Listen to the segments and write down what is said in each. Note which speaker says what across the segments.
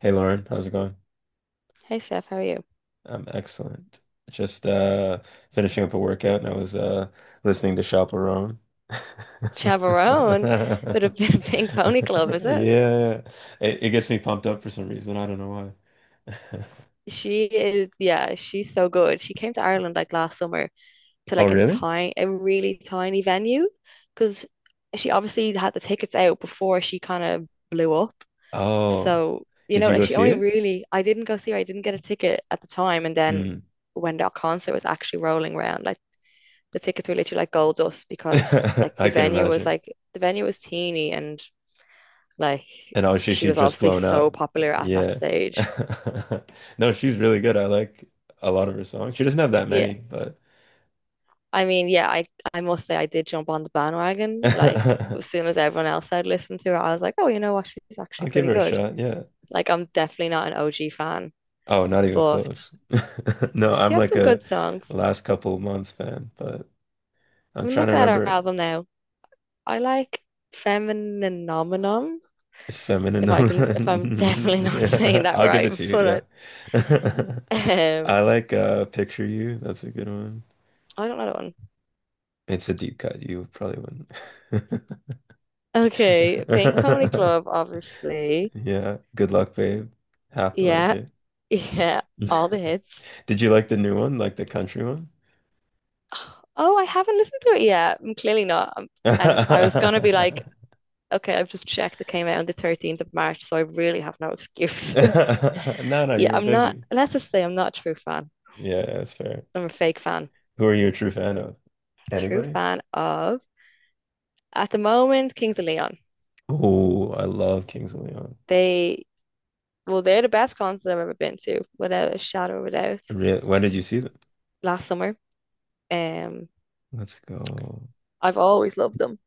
Speaker 1: Hey Lauren, how's it going?
Speaker 2: Hey Steph, how are you?
Speaker 1: I'm excellent. Just finishing up a workout and I was listening to Chaperone.
Speaker 2: Chavarone, but a bit of Pink Pony Club, is it?
Speaker 1: Yeah. It gets me pumped up for some reason. I don't know why.
Speaker 2: She is, yeah, she's so good. She came to Ireland like last summer to
Speaker 1: Oh
Speaker 2: like a
Speaker 1: really?
Speaker 2: tiny, a really tiny venue because she obviously had the tickets out before she kind of blew up.
Speaker 1: Oh.
Speaker 2: So, you
Speaker 1: Did
Speaker 2: know,
Speaker 1: you
Speaker 2: like
Speaker 1: go
Speaker 2: she
Speaker 1: see
Speaker 2: only
Speaker 1: it?
Speaker 2: really, I didn't go see her, I didn't get a ticket at the time. And then
Speaker 1: Mm.
Speaker 2: when that concert was actually rolling around, like the tickets were literally like gold dust because like the
Speaker 1: I can
Speaker 2: venue was
Speaker 1: imagine.
Speaker 2: like, the venue was teeny and like
Speaker 1: And obviously
Speaker 2: she
Speaker 1: she
Speaker 2: was
Speaker 1: just
Speaker 2: obviously
Speaker 1: blown up.
Speaker 2: so popular at that
Speaker 1: Yeah.
Speaker 2: stage.
Speaker 1: No, she's really good. I like a lot of her songs. She doesn't have that
Speaker 2: Yeah,
Speaker 1: many, but
Speaker 2: I mean, yeah, I I must say I did jump on the bandwagon. Like as soon as everyone else had listened to her, I was like, oh, you know what? She's
Speaker 1: I'll
Speaker 2: actually
Speaker 1: give
Speaker 2: pretty
Speaker 1: her a
Speaker 2: good.
Speaker 1: shot. Yeah.
Speaker 2: Like I'm definitely not an OG fan,
Speaker 1: Oh, not even
Speaker 2: but
Speaker 1: close. No,
Speaker 2: she
Speaker 1: I'm
Speaker 2: has
Speaker 1: like
Speaker 2: some good
Speaker 1: a
Speaker 2: songs.
Speaker 1: last couple of months fan, but I'm
Speaker 2: I'm
Speaker 1: trying to
Speaker 2: looking at her
Speaker 1: remember
Speaker 2: album now. I like Femininominum,
Speaker 1: if feminine.
Speaker 2: if I'm definitely not saying
Speaker 1: Yeah,
Speaker 2: that
Speaker 1: I'll give
Speaker 2: right,
Speaker 1: it to you. Yeah.
Speaker 2: but I, um,
Speaker 1: I like Picture You. That's a good one.
Speaker 2: I don't know that one.
Speaker 1: It's a deep cut. You probably wouldn't.
Speaker 2: Okay, Pink Pony Club, obviously.
Speaker 1: Yeah. Good luck, babe. Have to like
Speaker 2: Yeah.
Speaker 1: it.
Speaker 2: Yeah, all the hits.
Speaker 1: Did you like the new one, like the country one?
Speaker 2: Oh, I haven't listened to it yet. I'm clearly not. And I was gonna be like, okay, I've just checked. It came out on the 13th of March, so I really have no excuse.
Speaker 1: No, no,
Speaker 2: Yeah,
Speaker 1: you were
Speaker 2: I'm not.
Speaker 1: busy.
Speaker 2: Let's just say I'm not a true fan.
Speaker 1: Yeah, that's fair.
Speaker 2: I'm a fake fan.
Speaker 1: Who are you a true fan of?
Speaker 2: True
Speaker 1: Anybody?
Speaker 2: fan of at the moment Kings of Leon.
Speaker 1: Oh, I love Kings of Leon.
Speaker 2: They they're the best concert I've ever been to, without a shadow of a doubt.
Speaker 1: Really? When did you see them?
Speaker 2: Last summer, um,
Speaker 1: Let's go.
Speaker 2: I've always loved them.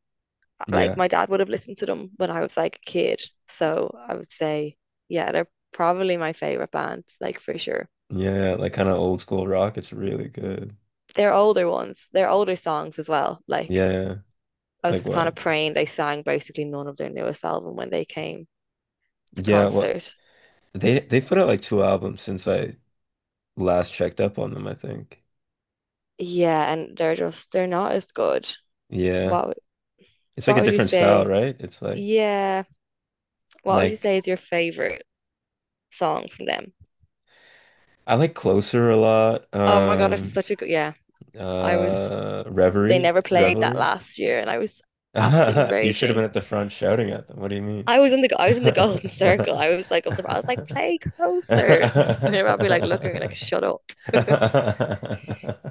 Speaker 2: Like
Speaker 1: Yeah.
Speaker 2: my dad would have listened to them when I was like a kid. So I would say, yeah, they're probably my favorite band, like for sure.
Speaker 1: Yeah, like kind of old school rock. It's really good.
Speaker 2: They're older songs as well. Like
Speaker 1: Yeah. Yeah.
Speaker 2: I
Speaker 1: Like
Speaker 2: was kind
Speaker 1: what?
Speaker 2: of praying they sang basically none of their newest album when they came to
Speaker 1: Yeah, what
Speaker 2: concert.
Speaker 1: they put out like two albums since I last checked up on them, I think.
Speaker 2: Yeah, and they're not as good.
Speaker 1: Yeah.
Speaker 2: What
Speaker 1: It's like
Speaker 2: what
Speaker 1: a
Speaker 2: would you
Speaker 1: different style,
Speaker 2: say?
Speaker 1: right? It's
Speaker 2: Yeah, what would you
Speaker 1: like
Speaker 2: say is your favorite song from them?
Speaker 1: I like Closer a lot.
Speaker 2: Oh my God, it's such a good yeah. I was they
Speaker 1: Reverie,
Speaker 2: never played that
Speaker 1: Revelry.
Speaker 2: last year and I was absolutely
Speaker 1: You should have
Speaker 2: raging.
Speaker 1: been at the front shouting at them. What do you mean?
Speaker 2: I was in the I was in the golden circle.
Speaker 1: I
Speaker 2: I was like, play closer. They were probably like looking at me like, shut up.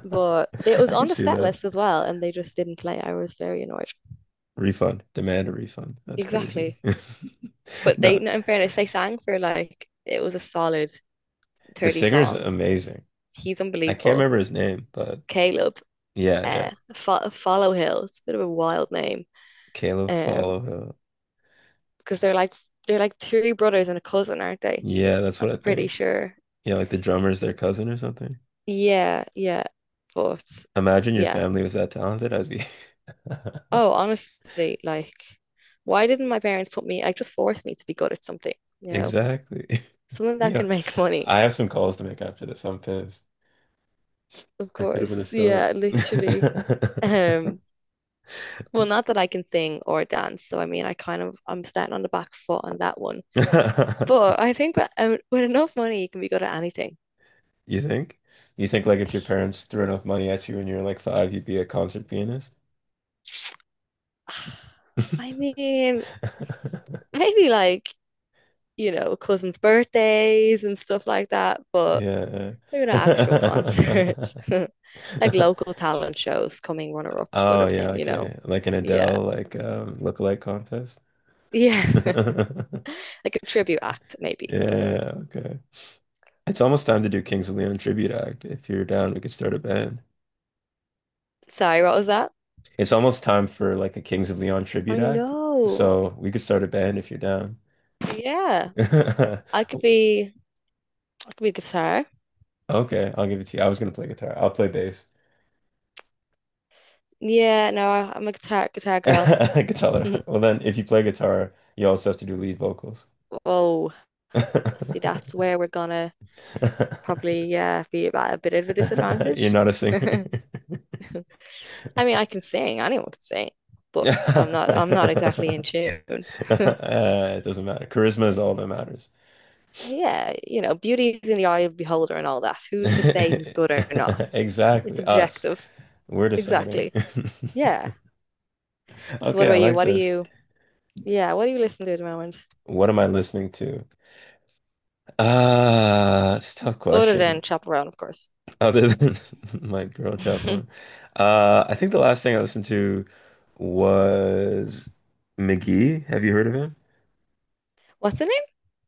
Speaker 2: But it was
Speaker 1: can
Speaker 2: on the
Speaker 1: see
Speaker 2: set
Speaker 1: that.
Speaker 2: list as well, and they just didn't play. I was very annoyed.
Speaker 1: Refund. Demand a refund. That's crazy.
Speaker 2: Exactly. But they,
Speaker 1: No.
Speaker 2: no, in fairness, they sang for like it was a solid
Speaker 1: The
Speaker 2: 30
Speaker 1: singer's
Speaker 2: song.
Speaker 1: amazing.
Speaker 2: He's
Speaker 1: I can't
Speaker 2: unbelievable.
Speaker 1: remember his name, but
Speaker 2: Caleb,
Speaker 1: yeah, yeah.
Speaker 2: Fo Follow Hill. It's a bit of a wild name.
Speaker 1: Caleb
Speaker 2: Um,
Speaker 1: Followill.
Speaker 2: because they're like three brothers and a cousin, aren't they?
Speaker 1: Yeah, that's
Speaker 2: I'm
Speaker 1: what I
Speaker 2: pretty
Speaker 1: think.
Speaker 2: sure.
Speaker 1: Yeah, like the drummer's their cousin or something.
Speaker 2: Yeah, yeah. But
Speaker 1: Imagine your
Speaker 2: yeah.
Speaker 1: family was that talented. I'd be
Speaker 2: Oh, honestly, like, why didn't my parents put me, like, just force me to be good at something, you know?
Speaker 1: exactly.
Speaker 2: Something that
Speaker 1: Yeah,
Speaker 2: can make money,
Speaker 1: I have some calls to make after this. I'm pissed.
Speaker 2: of
Speaker 1: I could have been a
Speaker 2: course.
Speaker 1: start.
Speaker 2: Yeah, literally. Um, well, not that I can sing or dance, so I mean, I'm starting on the back foot on that one. But I think that, with enough money, you can be good at anything.
Speaker 1: You think? You think like if your parents threw enough money at you when you were like five, you'd be a concert pianist?
Speaker 2: I mean, maybe like, you know, cousins' birthdays and stuff like that, but
Speaker 1: Yeah.
Speaker 2: maybe not actual concerts, like local talent shows, coming runner up sort
Speaker 1: Oh
Speaker 2: of
Speaker 1: yeah,
Speaker 2: thing, you know?
Speaker 1: okay. Like an
Speaker 2: Yeah.
Speaker 1: Adele like lookalike contest.
Speaker 2: Yeah. Like a tribute act, maybe.
Speaker 1: Yeah, okay. It's almost time to do Kings of Leon tribute act. If you're down, we could start a band.
Speaker 2: Sorry, what was that?
Speaker 1: It's almost time for like a Kings of Leon tribute
Speaker 2: I
Speaker 1: act.
Speaker 2: know.
Speaker 1: So we could start a band if you're down.
Speaker 2: Yeah. I could be I could be guitar.
Speaker 1: Okay, I'll give it to you. I was gonna play guitar. I'll play bass.
Speaker 2: Yeah, no, I'm a guitar girl.
Speaker 1: Guitar. Well then, if you play guitar, you also have to do lead vocals.
Speaker 2: Whoa. See, that's where we're gonna
Speaker 1: You're
Speaker 2: probably yeah be at a bit of a disadvantage.
Speaker 1: not a singer.
Speaker 2: I mean, I can sing, anyone can sing, but I'm not exactly in tune.
Speaker 1: It doesn't matter. Charisma is all that matters.
Speaker 2: Yeah, you know, beauty is in the eye of the beholder and all that. Who's to say who's good or not? It's
Speaker 1: Exactly. Us.
Speaker 2: objective.
Speaker 1: We're deciding.
Speaker 2: Exactly. Yeah. So what
Speaker 1: Okay, I
Speaker 2: about you?
Speaker 1: like
Speaker 2: What do
Speaker 1: this.
Speaker 2: you, yeah, what do you listen to at the moment?
Speaker 1: What am I listening to? It's a tough
Speaker 2: Other
Speaker 1: question.
Speaker 2: than Chaperone, of course.
Speaker 1: Other than my girl chat room, I think the last thing I listened to was McGee. Have you heard of him?
Speaker 2: What's the name?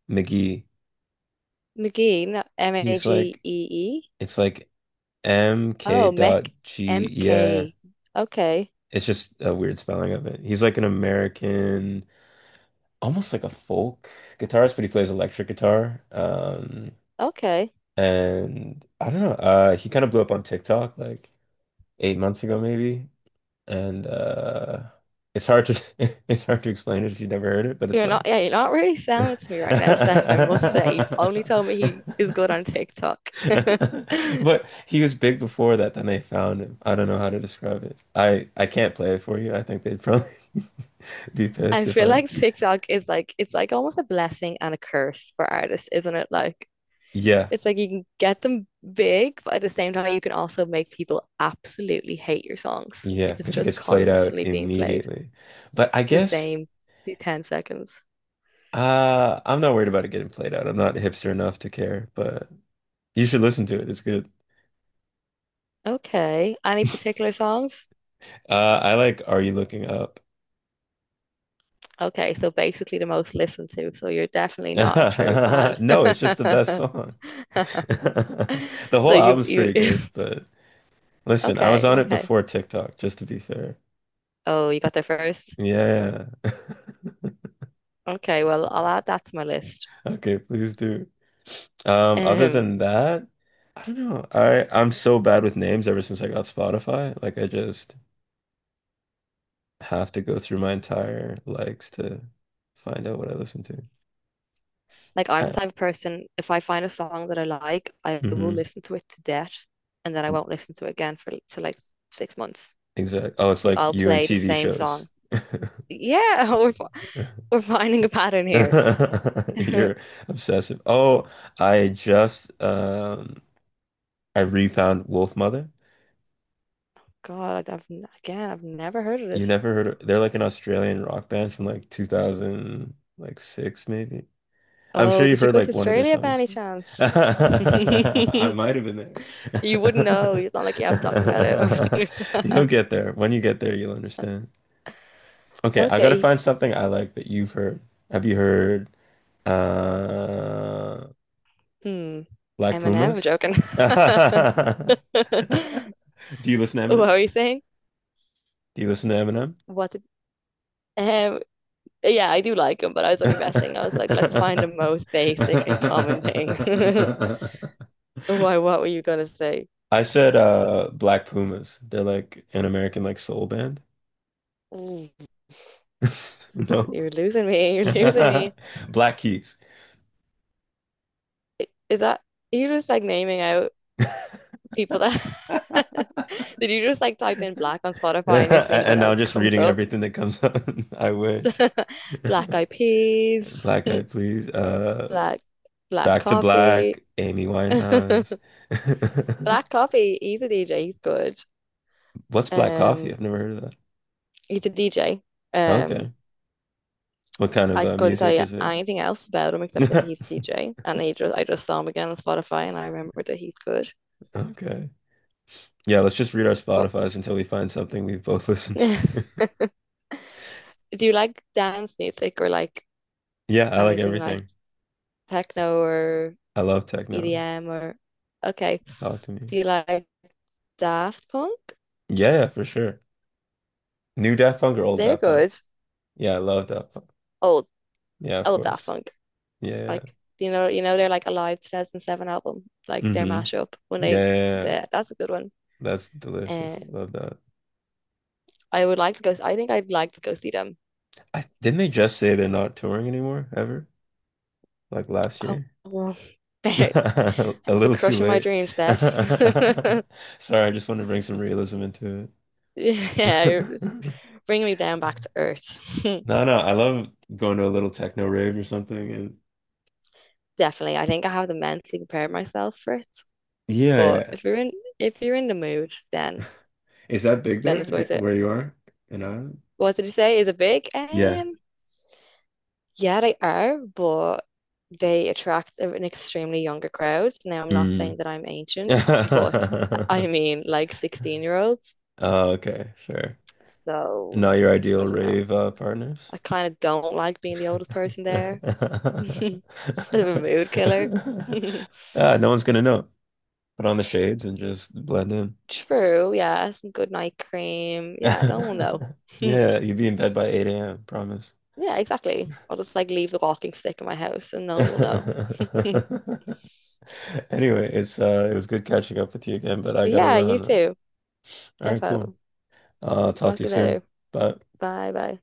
Speaker 1: McGee.
Speaker 2: McGee,
Speaker 1: He's like,
Speaker 2: Magee.
Speaker 1: it's like MK
Speaker 2: Oh,
Speaker 1: dot
Speaker 2: Mech
Speaker 1: G. Yeah,
Speaker 2: M-K. Okay.
Speaker 1: it's just a weird spelling of it. He's like an American, almost like a folk guitarist, but he plays electric guitar.
Speaker 2: Okay.
Speaker 1: And I don't know. He kind of blew up on TikTok like 8 months ago, maybe. And it's hard to it's hard to explain it if you've never heard it, but it's
Speaker 2: You're not,
Speaker 1: like
Speaker 2: yeah, you're not really sounding to me right now, Steph, I must say. You've only told me he is good on TikTok.
Speaker 1: but he was big before that, then they found him. I don't know how to describe it. I can't play it for you. I think they'd probably be pissed
Speaker 2: I
Speaker 1: if
Speaker 2: feel
Speaker 1: I
Speaker 2: like TikTok is like it's like almost a blessing and a curse for artists, isn't it? Like
Speaker 1: yeah.
Speaker 2: it's like you can get them big, but at the same time you can also make people absolutely hate your songs
Speaker 1: Yeah,
Speaker 2: if it's
Speaker 1: because it
Speaker 2: just
Speaker 1: gets played out
Speaker 2: constantly being played
Speaker 1: immediately. But I
Speaker 2: the
Speaker 1: guess
Speaker 2: same the 10 seconds.
Speaker 1: I'm not worried about it getting played out. I'm not hipster enough to care, but you should listen to it. It's good.
Speaker 2: Okay. Any particular songs?
Speaker 1: I like Are You Looking Up?
Speaker 2: Okay, so basically the most listened to, so you're definitely not a true fan.
Speaker 1: No, it's just the best song. The
Speaker 2: So
Speaker 1: whole
Speaker 2: you
Speaker 1: album's
Speaker 2: you
Speaker 1: pretty good, but listen, I was
Speaker 2: okay,
Speaker 1: on it
Speaker 2: okay.
Speaker 1: before TikTok, just to be fair.
Speaker 2: Oh, you got there first.
Speaker 1: Yeah.
Speaker 2: Okay, well, I'll add that to my list.
Speaker 1: Okay, please do. Other
Speaker 2: Um,
Speaker 1: than that, I don't know. I'm so bad with names ever since I got Spotify. Like I just have to go through my entire likes to find out what I listen to.
Speaker 2: like I'm the
Speaker 1: Uh,
Speaker 2: type of person, if I find a song that I like, I will
Speaker 1: mm-hmm.
Speaker 2: listen to it to death and then I won't listen to it again for to like 6 months.
Speaker 1: Exactly. Oh, it's
Speaker 2: Like
Speaker 1: like
Speaker 2: I'll
Speaker 1: you and
Speaker 2: play the
Speaker 1: TV
Speaker 2: same
Speaker 1: shows.
Speaker 2: song. Yeah, we're fi- we're finding a pattern here.
Speaker 1: You're obsessive. Oh, I just I refound Wolf Mother.
Speaker 2: God, I've never heard of
Speaker 1: You
Speaker 2: this.
Speaker 1: never heard of, they're like an Australian rock band from like 2000 like six maybe. I'm
Speaker 2: Oh,
Speaker 1: sure you've
Speaker 2: did you
Speaker 1: heard
Speaker 2: go to
Speaker 1: like one of their
Speaker 2: Australia by any
Speaker 1: songs.
Speaker 2: chance?
Speaker 1: I might have been
Speaker 2: You wouldn't know. It's not like you haven't talked about it.
Speaker 1: there. You'll get there. When you get there, you'll understand. Okay, I gotta
Speaker 2: Okay.
Speaker 1: find something I like that you've heard. Have you heard uh
Speaker 2: Hmm.
Speaker 1: Black
Speaker 2: Eminem, I'm
Speaker 1: Pumas?
Speaker 2: joking.
Speaker 1: Do you listen to
Speaker 2: What
Speaker 1: Eminem?
Speaker 2: were you saying?
Speaker 1: Do you listen to Eminem?
Speaker 2: What did, um, yeah, I do like him, but I was only messing. I was like, let's find the most basic and common thing. Why, what were you gonna say?
Speaker 1: I said Black Pumas. They're like an American like soul band.
Speaker 2: Mm.
Speaker 1: No.
Speaker 2: You're losing me.
Speaker 1: Black Keys.
Speaker 2: Is that you just like naming out people that did you just like type in black on Spotify and you're seeing what
Speaker 1: And now I'm
Speaker 2: else
Speaker 1: just
Speaker 2: comes
Speaker 1: reading
Speaker 2: up?
Speaker 1: everything that comes up. I wish.
Speaker 2: Black
Speaker 1: Black
Speaker 2: Eyed Peas,
Speaker 1: Eyed Please.
Speaker 2: black black
Speaker 1: Back to
Speaker 2: coffee.
Speaker 1: Black, Amy Winehouse.
Speaker 2: Black coffee, he's a DJ, he's good.
Speaker 1: What's black coffee?
Speaker 2: Um,
Speaker 1: I've never heard of
Speaker 2: he's a DJ. Um
Speaker 1: okay. What kind of
Speaker 2: I couldn't tell
Speaker 1: music
Speaker 2: you
Speaker 1: is it?
Speaker 2: anything else about him except that he's a DJ, and he just I just saw him again on Spotify, and I remember that he's good.
Speaker 1: Okay. Yeah, let's just read our
Speaker 2: What
Speaker 1: Spotifys until we find something we both listen
Speaker 2: do
Speaker 1: to.
Speaker 2: you like dance music or like
Speaker 1: Yeah, I like
Speaker 2: anything like
Speaker 1: everything.
Speaker 2: techno or
Speaker 1: I love techno.
Speaker 2: EDM or okay?
Speaker 1: Talk to me.
Speaker 2: Do you like Daft Punk?
Speaker 1: Yeah, yeah, for sure. New Daft Punk or old
Speaker 2: They're
Speaker 1: Daft Punk?
Speaker 2: good.
Speaker 1: Yeah, I love Daft Punk.
Speaker 2: Old
Speaker 1: Yeah, of
Speaker 2: Old Daft
Speaker 1: course.
Speaker 2: Punk,
Speaker 1: Yeah.
Speaker 2: like you know they're like a live 2007 album, like their
Speaker 1: Yeah,
Speaker 2: mashup when
Speaker 1: mm-hmm. Yeah,
Speaker 2: they,
Speaker 1: yeah, yeah.
Speaker 2: they that's a good one.
Speaker 1: That's delicious.
Speaker 2: Uh,
Speaker 1: Love that.
Speaker 2: I would like to go. I think I'd like to go see them.
Speaker 1: I didn't they just say they're not touring anymore ever? Like last
Speaker 2: Oh,
Speaker 1: year?
Speaker 2: well, they're
Speaker 1: A
Speaker 2: it's for
Speaker 1: little too
Speaker 2: crushing my
Speaker 1: late.
Speaker 2: dreams, Dev.
Speaker 1: Sorry, I just want to bring some realism into it.
Speaker 2: Yeah, you're just bringing me down back to earth.
Speaker 1: No, no, I love going to a little techno rave or something. And
Speaker 2: Definitely. I think I have to mentally prepare myself for it. But
Speaker 1: yeah,
Speaker 2: if you're in the mood,
Speaker 1: yeah.
Speaker 2: then
Speaker 1: Is that big
Speaker 2: it's
Speaker 1: there
Speaker 2: worth
Speaker 1: eh,
Speaker 2: it.
Speaker 1: where you are in Ireland?
Speaker 2: What did you say? Is it big?
Speaker 1: Yeah.
Speaker 2: Yeah, they are, but they attract an extremely younger crowd. Now, I'm not
Speaker 1: Mm.
Speaker 2: saying that I'm ancient, but I mean like 16-year-olds year olds.
Speaker 1: Oh, okay, sure.
Speaker 2: So
Speaker 1: Not your
Speaker 2: I
Speaker 1: ideal
Speaker 2: don't know.
Speaker 1: rave partners?
Speaker 2: I kind of don't like being the oldest person there. Bit of a mood killer.
Speaker 1: Ah, no one's gonna know. Put on the shades and just blend in.
Speaker 2: True, yeah. Some good night cream. Yeah, no one will know.
Speaker 1: Yeah, you'd be in bed by 8 a.m., promise.
Speaker 2: Yeah, exactly. I'll just like leave the walking stick in my house and no one will
Speaker 1: Anyway,
Speaker 2: know.
Speaker 1: it's it was good catching up with you again, but I gotta
Speaker 2: Yeah, you
Speaker 1: run. All
Speaker 2: too.
Speaker 1: right, cool.
Speaker 2: Defo.
Speaker 1: I'll talk
Speaker 2: Talk
Speaker 1: to you
Speaker 2: to you
Speaker 1: soon.
Speaker 2: later.
Speaker 1: Bye.
Speaker 2: Bye bye.